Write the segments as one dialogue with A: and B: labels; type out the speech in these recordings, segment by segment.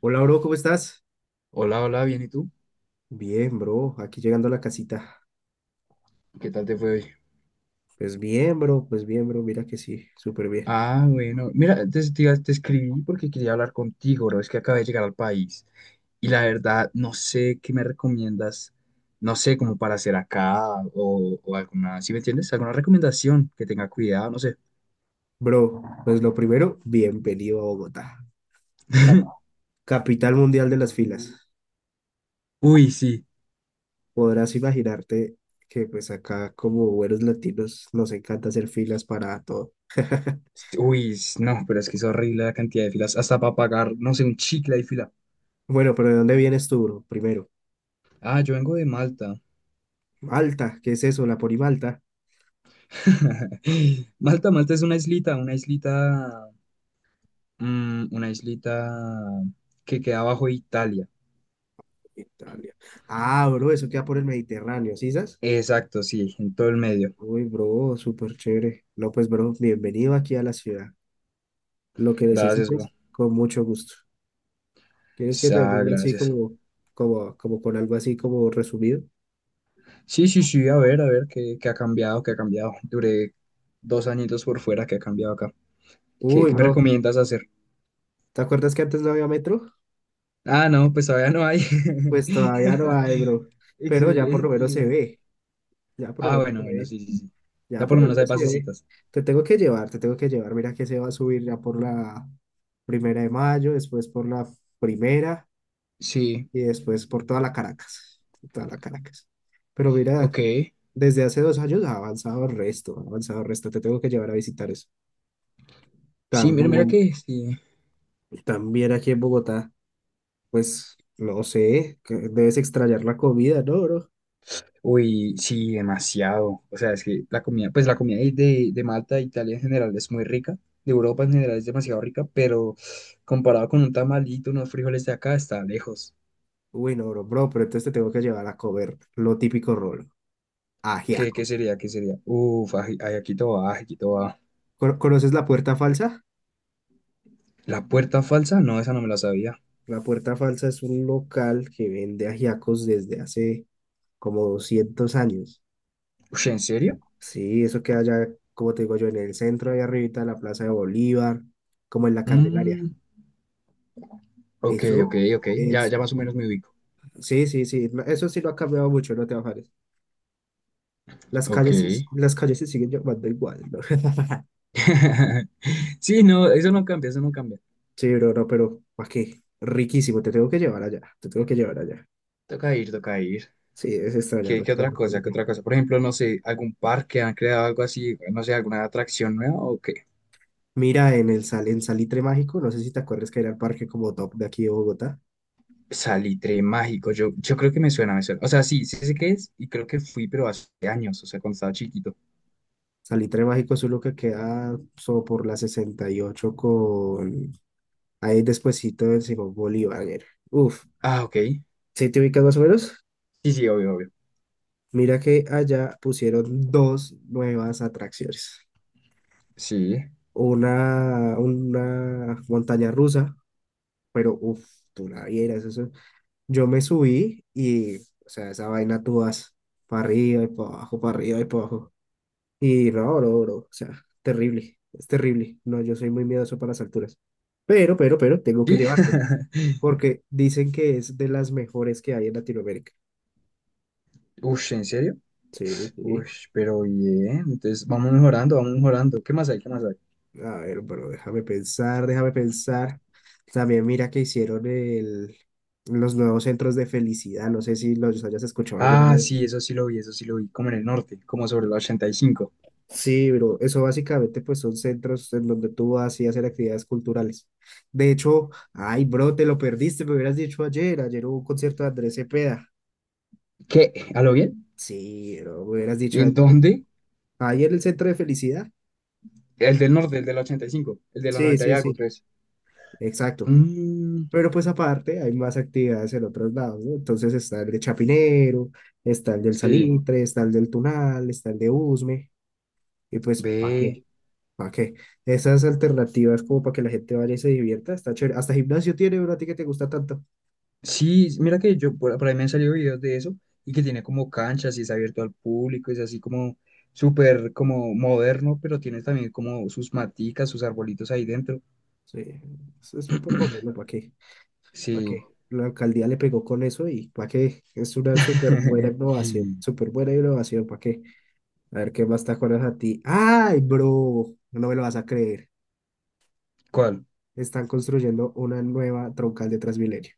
A: Hola, bro, ¿cómo estás?
B: Hola, hola, bien, ¿y tú?
A: Bien, bro, aquí llegando a la casita.
B: ¿Qué tal te fue hoy?
A: Pues bien, bro, mira que sí, súper bien.
B: Ah, bueno, mira, te escribí porque quería hablar contigo, bro. Es que acabé de llegar al país y la verdad no sé qué me recomiendas, no sé, como para hacer acá o alguna, ¿sí me entiendes? ¿Alguna recomendación que tenga cuidado? No sé.
A: Bro, pues lo primero, bienvenido a Bogotá, cap- capital mundial de las filas.
B: Uy, sí.
A: Podrás imaginarte que pues acá como buenos latinos nos encanta hacer filas para todo.
B: Sí, uy, no, pero es que es horrible la cantidad de filas. Hasta para pagar, no sé, un chicle hay fila.
A: Bueno, pero ¿de dónde vienes tú, bro? Primero,
B: Ah, yo vengo de Malta.
A: Malta, ¿qué es eso? ¿La Ponimalta?
B: Malta es una islita que queda bajo Italia.
A: Italia. Ah, bro, eso queda por el Mediterráneo, ¿sí sabes?
B: Exacto, sí, en todo el medio.
A: Uy, bro, súper chévere. No, pues, bro, bienvenido aquí a la ciudad. Lo que
B: Gracias, bro.
A: necesites, con mucho gusto. ¿Quieres que te
B: Ah,
A: ayude así
B: gracias.
A: como, con algo así como resumido?
B: Sí, sí, sí, a ver, qué ha cambiado, qué ha cambiado. Duré 2 añitos por fuera, qué ha cambiado acá. ¿Qué,
A: Uy,
B: qué me
A: bro,
B: recomiendas hacer?
A: ¿te acuerdas que antes no había metro?
B: Ah, no, pues todavía no hay.
A: Pues todavía no hay, bro. Pero ya por lo menos se
B: Excelente.
A: ve, ya por lo
B: Ah,
A: menos se
B: bueno, bueno,
A: ve,
B: sí, sí, sí. Ya
A: ya
B: por
A: por
B: lo
A: lo
B: menos hay
A: menos se ve.
B: pasecitas.
A: Te tengo que llevar, te tengo que llevar. Mira que se va a subir ya por la primera de mayo, después por la primera
B: Sí,
A: y después por toda la Caracas, toda la Caracas. Pero mira,
B: ok.
A: desde hace 2 años ha avanzado el resto, ha avanzado el resto. Te tengo que llevar a visitar eso.
B: Sí, mira, mira
A: También,
B: que sí.
A: también aquí en Bogotá, pues no sé, que debes extrañar la comida, ¿no, bro?
B: Uy, sí, demasiado. O sea, es que la comida ahí de Malta, de Italia en general es muy rica, de Europa en general es demasiado rica, pero comparado con un tamalito, unos frijoles de acá, está lejos.
A: Uy, no, bro, pero entonces te tengo que llevar a comer lo típico rolo,
B: ¿Qué,
A: ajiaco.
B: qué sería? ¿Qué sería? Uf, ay, ay, aquí todo va, aquí todo va.
A: ¿Conoces la Puerta Falsa?
B: ¿La puerta falsa? No, esa no me la sabía.
A: La Puerta Falsa es un local que vende ajiacos desde hace como 200 años.
B: Ush, ¿en serio?
A: Sí, eso queda allá, como te digo yo, en el centro, ahí arribita de la Plaza de Bolívar, como en la Candelaria.
B: Mm, ok, ok,
A: Eso
B: ok. Ya,
A: es,
B: ya más o menos me ubico.
A: sí, sí, sí, no, eso sí lo ha cambiado mucho, no te bajes. Las
B: Ok.
A: calles, las calles se siguen llamando igual, ¿no?
B: Sí, no, eso no cambia, eso no cambia.
A: Sí, bro, no, pero ¿para qué? Riquísimo, te tengo que llevar allá, te tengo que llevar allá.
B: Toca ir, toca ir.
A: Sí, es extrañar
B: ¿Qué otra cosa?
A: restaurante.
B: ¿Qué otra cosa? Por ejemplo, no sé, algún parque han creado algo así, no sé, alguna atracción nueva o qué.
A: Mira, en en Salitre Mágico, no sé si te acuerdas que era el parque como top de aquí de Bogotá.
B: Salitre mágico, yo creo que me suena, me suena. O sea, sí, sí sé qué es y creo que fui, pero hace años, o sea, cuando estaba chiquito.
A: Salitre Mágico es uno que queda so por la 68 con ahí despuesito del Simón Bolívar. Uf,
B: Ah, ok. Sí,
A: ¿sí te ubicas más o menos?
B: sí, obvio, obvio.
A: Mira que allá pusieron dos nuevas atracciones.
B: Sí.
A: Una montaña rusa, pero uff, tú la vieras, eso. Yo me subí y, o sea, esa vaina tú vas para arriba y para abajo, para arriba y para abajo. Y no, bro, o sea, terrible, es terrible. No, yo soy muy miedoso para las alturas. Pero, tengo que
B: ¿Sí?
A: llevarte, porque dicen que es de las mejores que hay en Latinoamérica.
B: Ush, ¿en serio?
A: Sí, sí.
B: Ush, pero bien. Entonces, vamos mejorando, vamos mejorando. ¿Qué más hay? ¿Qué más hay?
A: A ver, pero déjame pensar, déjame pensar. También mira que los nuevos centros de felicidad. No sé si los hayas escuchado alguna
B: Ah,
A: vez.
B: sí, eso sí lo vi, eso sí lo vi. Como en el norte, como sobre el 85.
A: Sí, pero eso básicamente pues son centros en donde tú vas y hacer actividades culturales. De hecho, ay, bro, te lo perdiste, me hubieras dicho ayer. Ayer hubo un concierto de Andrés Cepeda.
B: ¿Qué? ¿A lo bien?
A: Sí, bro, me hubieras dicho
B: ¿En
A: ayer.
B: dónde?
A: Ayer el centro de felicidad.
B: El del norte, el del 85, el de la
A: Sí,
B: 90 y
A: sí, sí.
B: algo, ¿crees?
A: Exacto.
B: Mm,
A: Pero pues aparte hay más actividades en otros lados, ¿no? Entonces está el de Chapinero, está el del
B: sí,
A: Salitre, está el del Tunal, está el de Usme, y pues ¿para
B: ve.
A: qué? ¿Para qué? Esas alternativas como para que la gente vaya y se divierta, está chévere. Hasta gimnasio tiene, bro, a ti que te gusta tanto.
B: Sí, mira que yo por ahí me han salido videos de eso y que tiene como canchas y es abierto al público, es así como súper como moderno, pero tiene también como sus maticas, sus arbolitos ahí dentro.
A: Sí, eso es súper bueno, ¿para qué? ¿Para qué?
B: Sí.
A: La alcaldía le pegó con eso y ¿para qué? Es una súper buena innovación, ¿para qué? A ver qué más te tacones a ti. ¡Ay, bro! No me lo vas a creer.
B: ¿Cuál?
A: Están construyendo una nueva troncal de Transmilenio.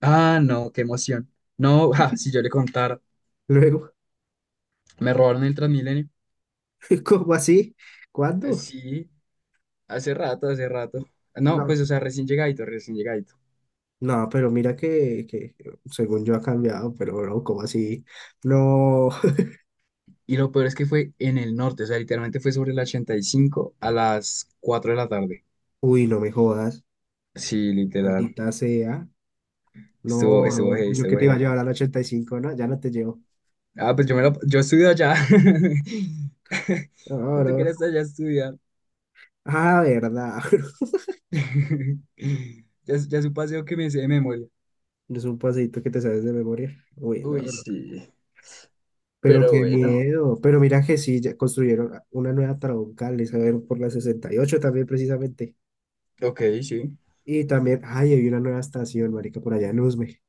B: Ah, no, qué emoción. No, ja, si yo le contara,
A: Luego,
B: me robaron el Transmilenio.
A: ¿cómo así? ¿Cuándo?
B: Sí, hace rato, hace rato. No,
A: No,
B: pues, o sea, recién llegadito, recién llegadito.
A: no, pero mira que según yo ha cambiado, pero bro, ¿cómo así? No,
B: Y lo peor es que fue en el norte, o sea, literalmente fue sobre el 85 a las 4 de la tarde.
A: uy, no me jodas,
B: Sí, literal.
A: maldita sea.
B: Estuvo,
A: No,
B: estuvo
A: bro,
B: heavy,
A: yo que
B: estuvo
A: te iba a
B: heavy.
A: llevar al 85, no, ya no te llevo.
B: Ah, pues yo estudio allá.
A: No,
B: Me tocó ir
A: bro.
B: hasta allá a estudiar.
A: Ah, verdad.
B: Ya es un paseo que me sé de memoria.
A: Es un pasito que te sabes de memoria. Uy, no,
B: Uy,
A: bro.
B: sí.
A: Pero
B: Pero
A: qué
B: bueno.
A: miedo. Pero mira que sí, ya construyeron una nueva troncal, esa ver por la 68 también precisamente.
B: Ok, sí.
A: Y también, ay, hay una nueva estación, marica, por allá en Usme.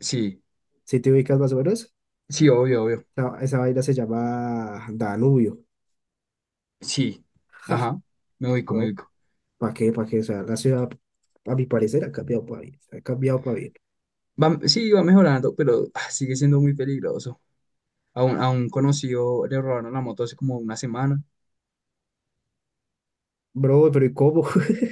B: Sí,
A: Si te ubicas más o menos,
B: sí, obvio, obvio.
A: esa vaina se llama Danubio.
B: Sí. Ajá. Me ubico, me
A: ¿no?
B: ubico.
A: ¿Para qué? ¿Para qué? O sea, la ciudad, a mi parecer, ha cambiado para bien. Ha cambiado para bien.
B: Va, sí, va mejorando, pero sigue siendo muy peligroso. A un conocido le robaron la moto hace como una semana.
A: Bro, pero ¿y cómo?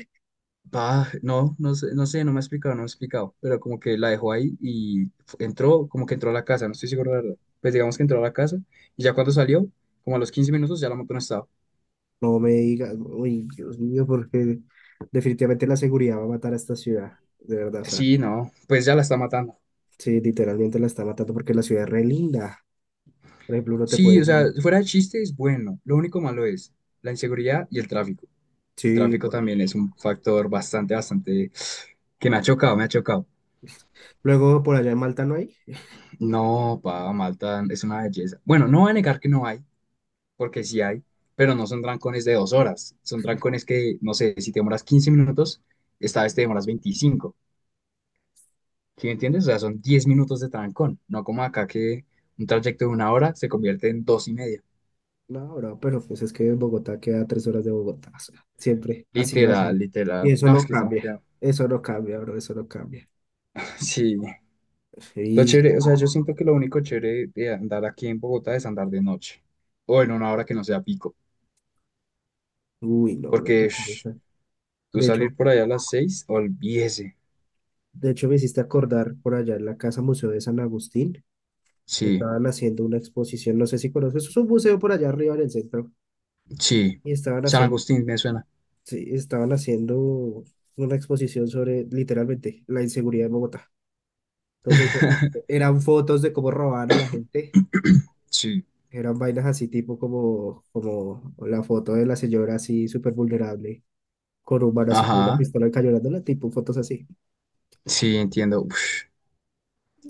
B: Ah, no, no sé, no sé, no me ha explicado, no me ha explicado, pero como que la dejó ahí y entró, como que entró a la casa, no estoy seguro, la verdad. Pues digamos que entró a la casa y ya cuando salió, como a los 15 minutos, ya la moto no estaba.
A: No me digas, uy, Dios mío, porque definitivamente la seguridad va a matar a esta ciudad, de verdad, o sea,
B: Sí, no, pues ya la está matando.
A: sí, literalmente la está matando porque la ciudad es re linda. Por ejemplo, uno te puede...
B: Sí, o sea,
A: Ajá.
B: fuera de chiste es bueno, lo único malo es la inseguridad y el tráfico. El
A: Sí,
B: tráfico también es un factor bastante, bastante que me ha chocado, me ha chocado.
A: luego por allá en Malta no hay.
B: No, pa, Malta es una belleza. Bueno, no voy a negar que no hay, porque sí hay, pero no son trancones de 2 horas, son trancones que, no sé, si te demoras 15 minutos, esta vez te demoras 25, ¿sí me entiendes? O sea, son 10 minutos de trancón, no como acá que un trayecto de 1 hora se convierte en 2 y media.
A: No, bro, pero pues es que Bogotá queda a 3 horas de Bogotá, o sea, siempre ha sido así.
B: Literal,
A: Y
B: literal. No, es que es demasiado.
A: eso no cambia, bro, eso no cambia.
B: Sí. Lo
A: Y,
B: chévere, o sea, yo siento que lo único chévere de andar aquí en Bogotá es andar de noche o en una hora que no sea pico,
A: uy, no, bro,
B: porque
A: qué
B: ush,
A: cosa.
B: tú
A: De hecho,
B: salir por allá a las 6, olvídese.
A: de hecho me hiciste acordar por allá en la Casa Museo de San Agustín,
B: Sí,
A: estaban haciendo una exposición, no sé si conoces, es un museo por allá arriba en el centro,
B: sí.
A: y
B: San Agustín me suena.
A: sí, estaban haciendo una exposición sobre literalmente la inseguridad de Bogotá. Entonces, eran fotos de cómo robaban a la gente.
B: Sí.
A: Eran vainas así tipo como, como la foto de la señora así súper vulnerable, con un man así con una
B: Ajá,
A: pistola cañonándola, tipo fotos así.
B: sí, entiendo. Uf,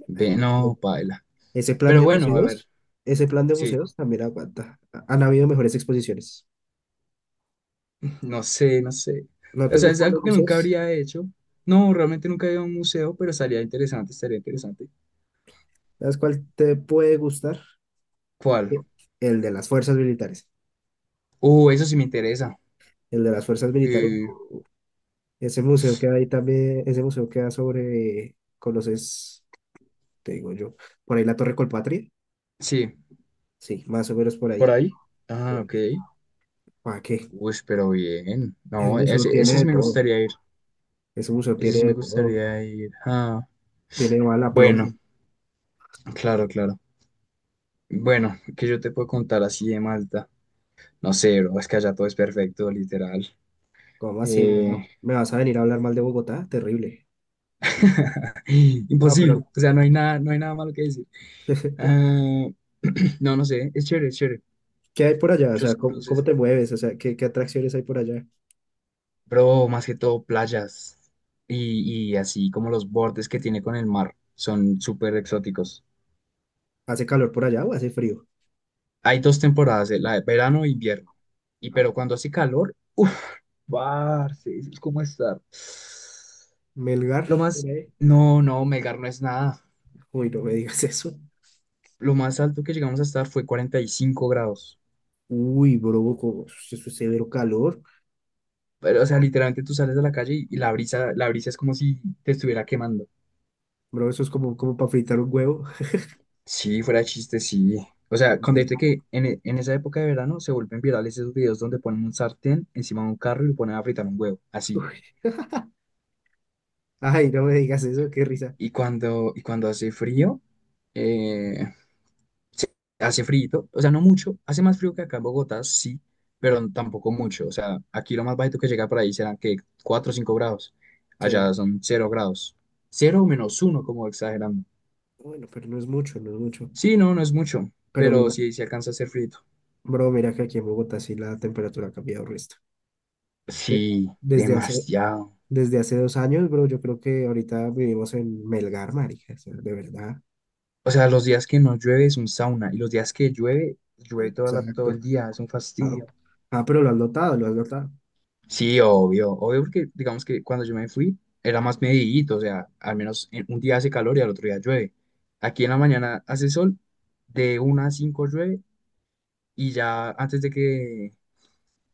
B: ve,
A: Pero
B: no, paila.
A: ese plan
B: Pero
A: de
B: bueno, a ver,
A: museos, ese plan de
B: sí,
A: museos también aguanta. Han habido mejores exposiciones.
B: no sé, no sé.
A: ¿No
B: O
A: te
B: sea, es
A: gustan
B: algo
A: los
B: que nunca
A: museos?
B: habría hecho. No, realmente nunca he ido a un museo, pero estaría interesante, estaría interesante.
A: ¿Sabes cuál te puede gustar?
B: ¿Cuál?
A: El de las fuerzas militares.
B: Eso sí me interesa.
A: El de las fuerzas militares.
B: Eh,
A: Ese museo que hay también, ese museo queda sobre, ¿conoces? ¿Qué Te digo yo, por ahí la Torre Colpatria.
B: sí,
A: Sí, más o menos por
B: por
A: ahí.
B: ahí. Ah, ok.
A: ¿Para qué?
B: Uy, pero bien.
A: Ese
B: No,
A: museo
B: ese
A: tiene de
B: sí me
A: todo.
B: gustaría ir.
A: Ese museo
B: Ese
A: tiene
B: sí
A: de
B: me
A: todo.
B: gustaría ir. Ah,
A: Tiene mal a
B: bueno,
A: plomo.
B: claro, claro. ¿Bueno, que yo te puedo contar así de Malta? No sé, bro, es que allá todo es perfecto, literal.
A: ¿Cómo así,
B: Eh,
A: no? ¿Me vas a venir a hablar mal de Bogotá? Terrible. No, pero
B: Imposible, o sea, no hay nada, no hay nada malo que decir. Ah, no, no sé, es chévere, es chévere.
A: ¿qué hay por allá? O sea,
B: Muchos
A: ¿cómo, cómo
B: cruces,
A: te mueves? O sea, ¿qué, qué atracciones hay por allá?
B: pero más que todo playas y así como los bordes que tiene con el mar son súper exóticos.
A: ¿Hace calor por allá o hace frío?
B: Hay dos temporadas, la de verano e invierno. Y
A: Ah,
B: pero cuando hace calor, uff, parce, eso es como estar.
A: Melgar.
B: Lo
A: Por
B: más,
A: ahí.
B: no, no, Melgar no es nada.
A: Uy, no me digas eso.
B: Lo más alto que llegamos a estar fue 45 grados.
A: Uy, bro, eso es severo calor.
B: Pero, o sea, literalmente tú sales a la calle y la brisa es como si te estuviera quemando.
A: Bro, eso es como, como para fritar un huevo.
B: Sí, fuera de chiste, sí. O sea, con decirte que en esa época de verano se vuelven virales esos videos donde ponen un sartén encima de un carro y lo ponen a fritar un huevo, así.
A: Uy, ay, no me digas eso, qué risa.
B: Y cuando hace frío, eh, se- hace frío, o sea, no mucho, hace más frío que acá en Bogotá, sí, pero tampoco mucho. O sea, aquí lo más bajito que llega por ahí serán que 4 o 5 grados.
A: Sí.
B: Allá son 0 grados. Cero o -1 como exagerando.
A: Bueno, pero no es mucho, no es mucho.
B: Sí, no, no es mucho,
A: Pero
B: pero
A: mira,
B: sí, se alcanza a hacer frío.
A: bro, mira que aquí en Bogotá sí la temperatura ha cambiado resto. De-
B: Sí,
A: Desde hace,
B: demasiado.
A: desde hace dos años, bro, yo creo que ahorita vivimos en Melgar, marica, o sea, de verdad.
B: O sea, los días que no llueve es un sauna y los días que llueve,
A: Sí.
B: llueve todo
A: Exacto.
B: el día, es un
A: Ah,
B: fastidio.
A: ah, pero lo has notado, lo has notado.
B: Sí, obvio, obvio porque digamos que cuando yo me fui era más medidito, o sea, al menos un día hace calor y al otro día llueve. Aquí en la mañana hace sol, de 1 a 5 llueve y ya antes de que,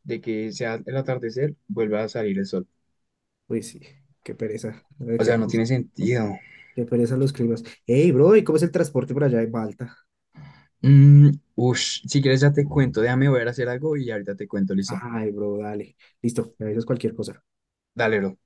B: de que sea el atardecer vuelve a salir el sol.
A: Uy, sí, qué pereza,
B: O
A: qué
B: sea, no
A: pereza,
B: tiene sentido.
A: qué pereza los climas. Ey, bro, ¿y cómo es el transporte por allá en Malta?
B: Mm, Ush, si quieres ya te cuento, déjame ver a hacer algo y ahorita te cuento, ¿listo?
A: Ay, bro, dale. Listo, me avisas cualquier cosa.
B: Dale, bro.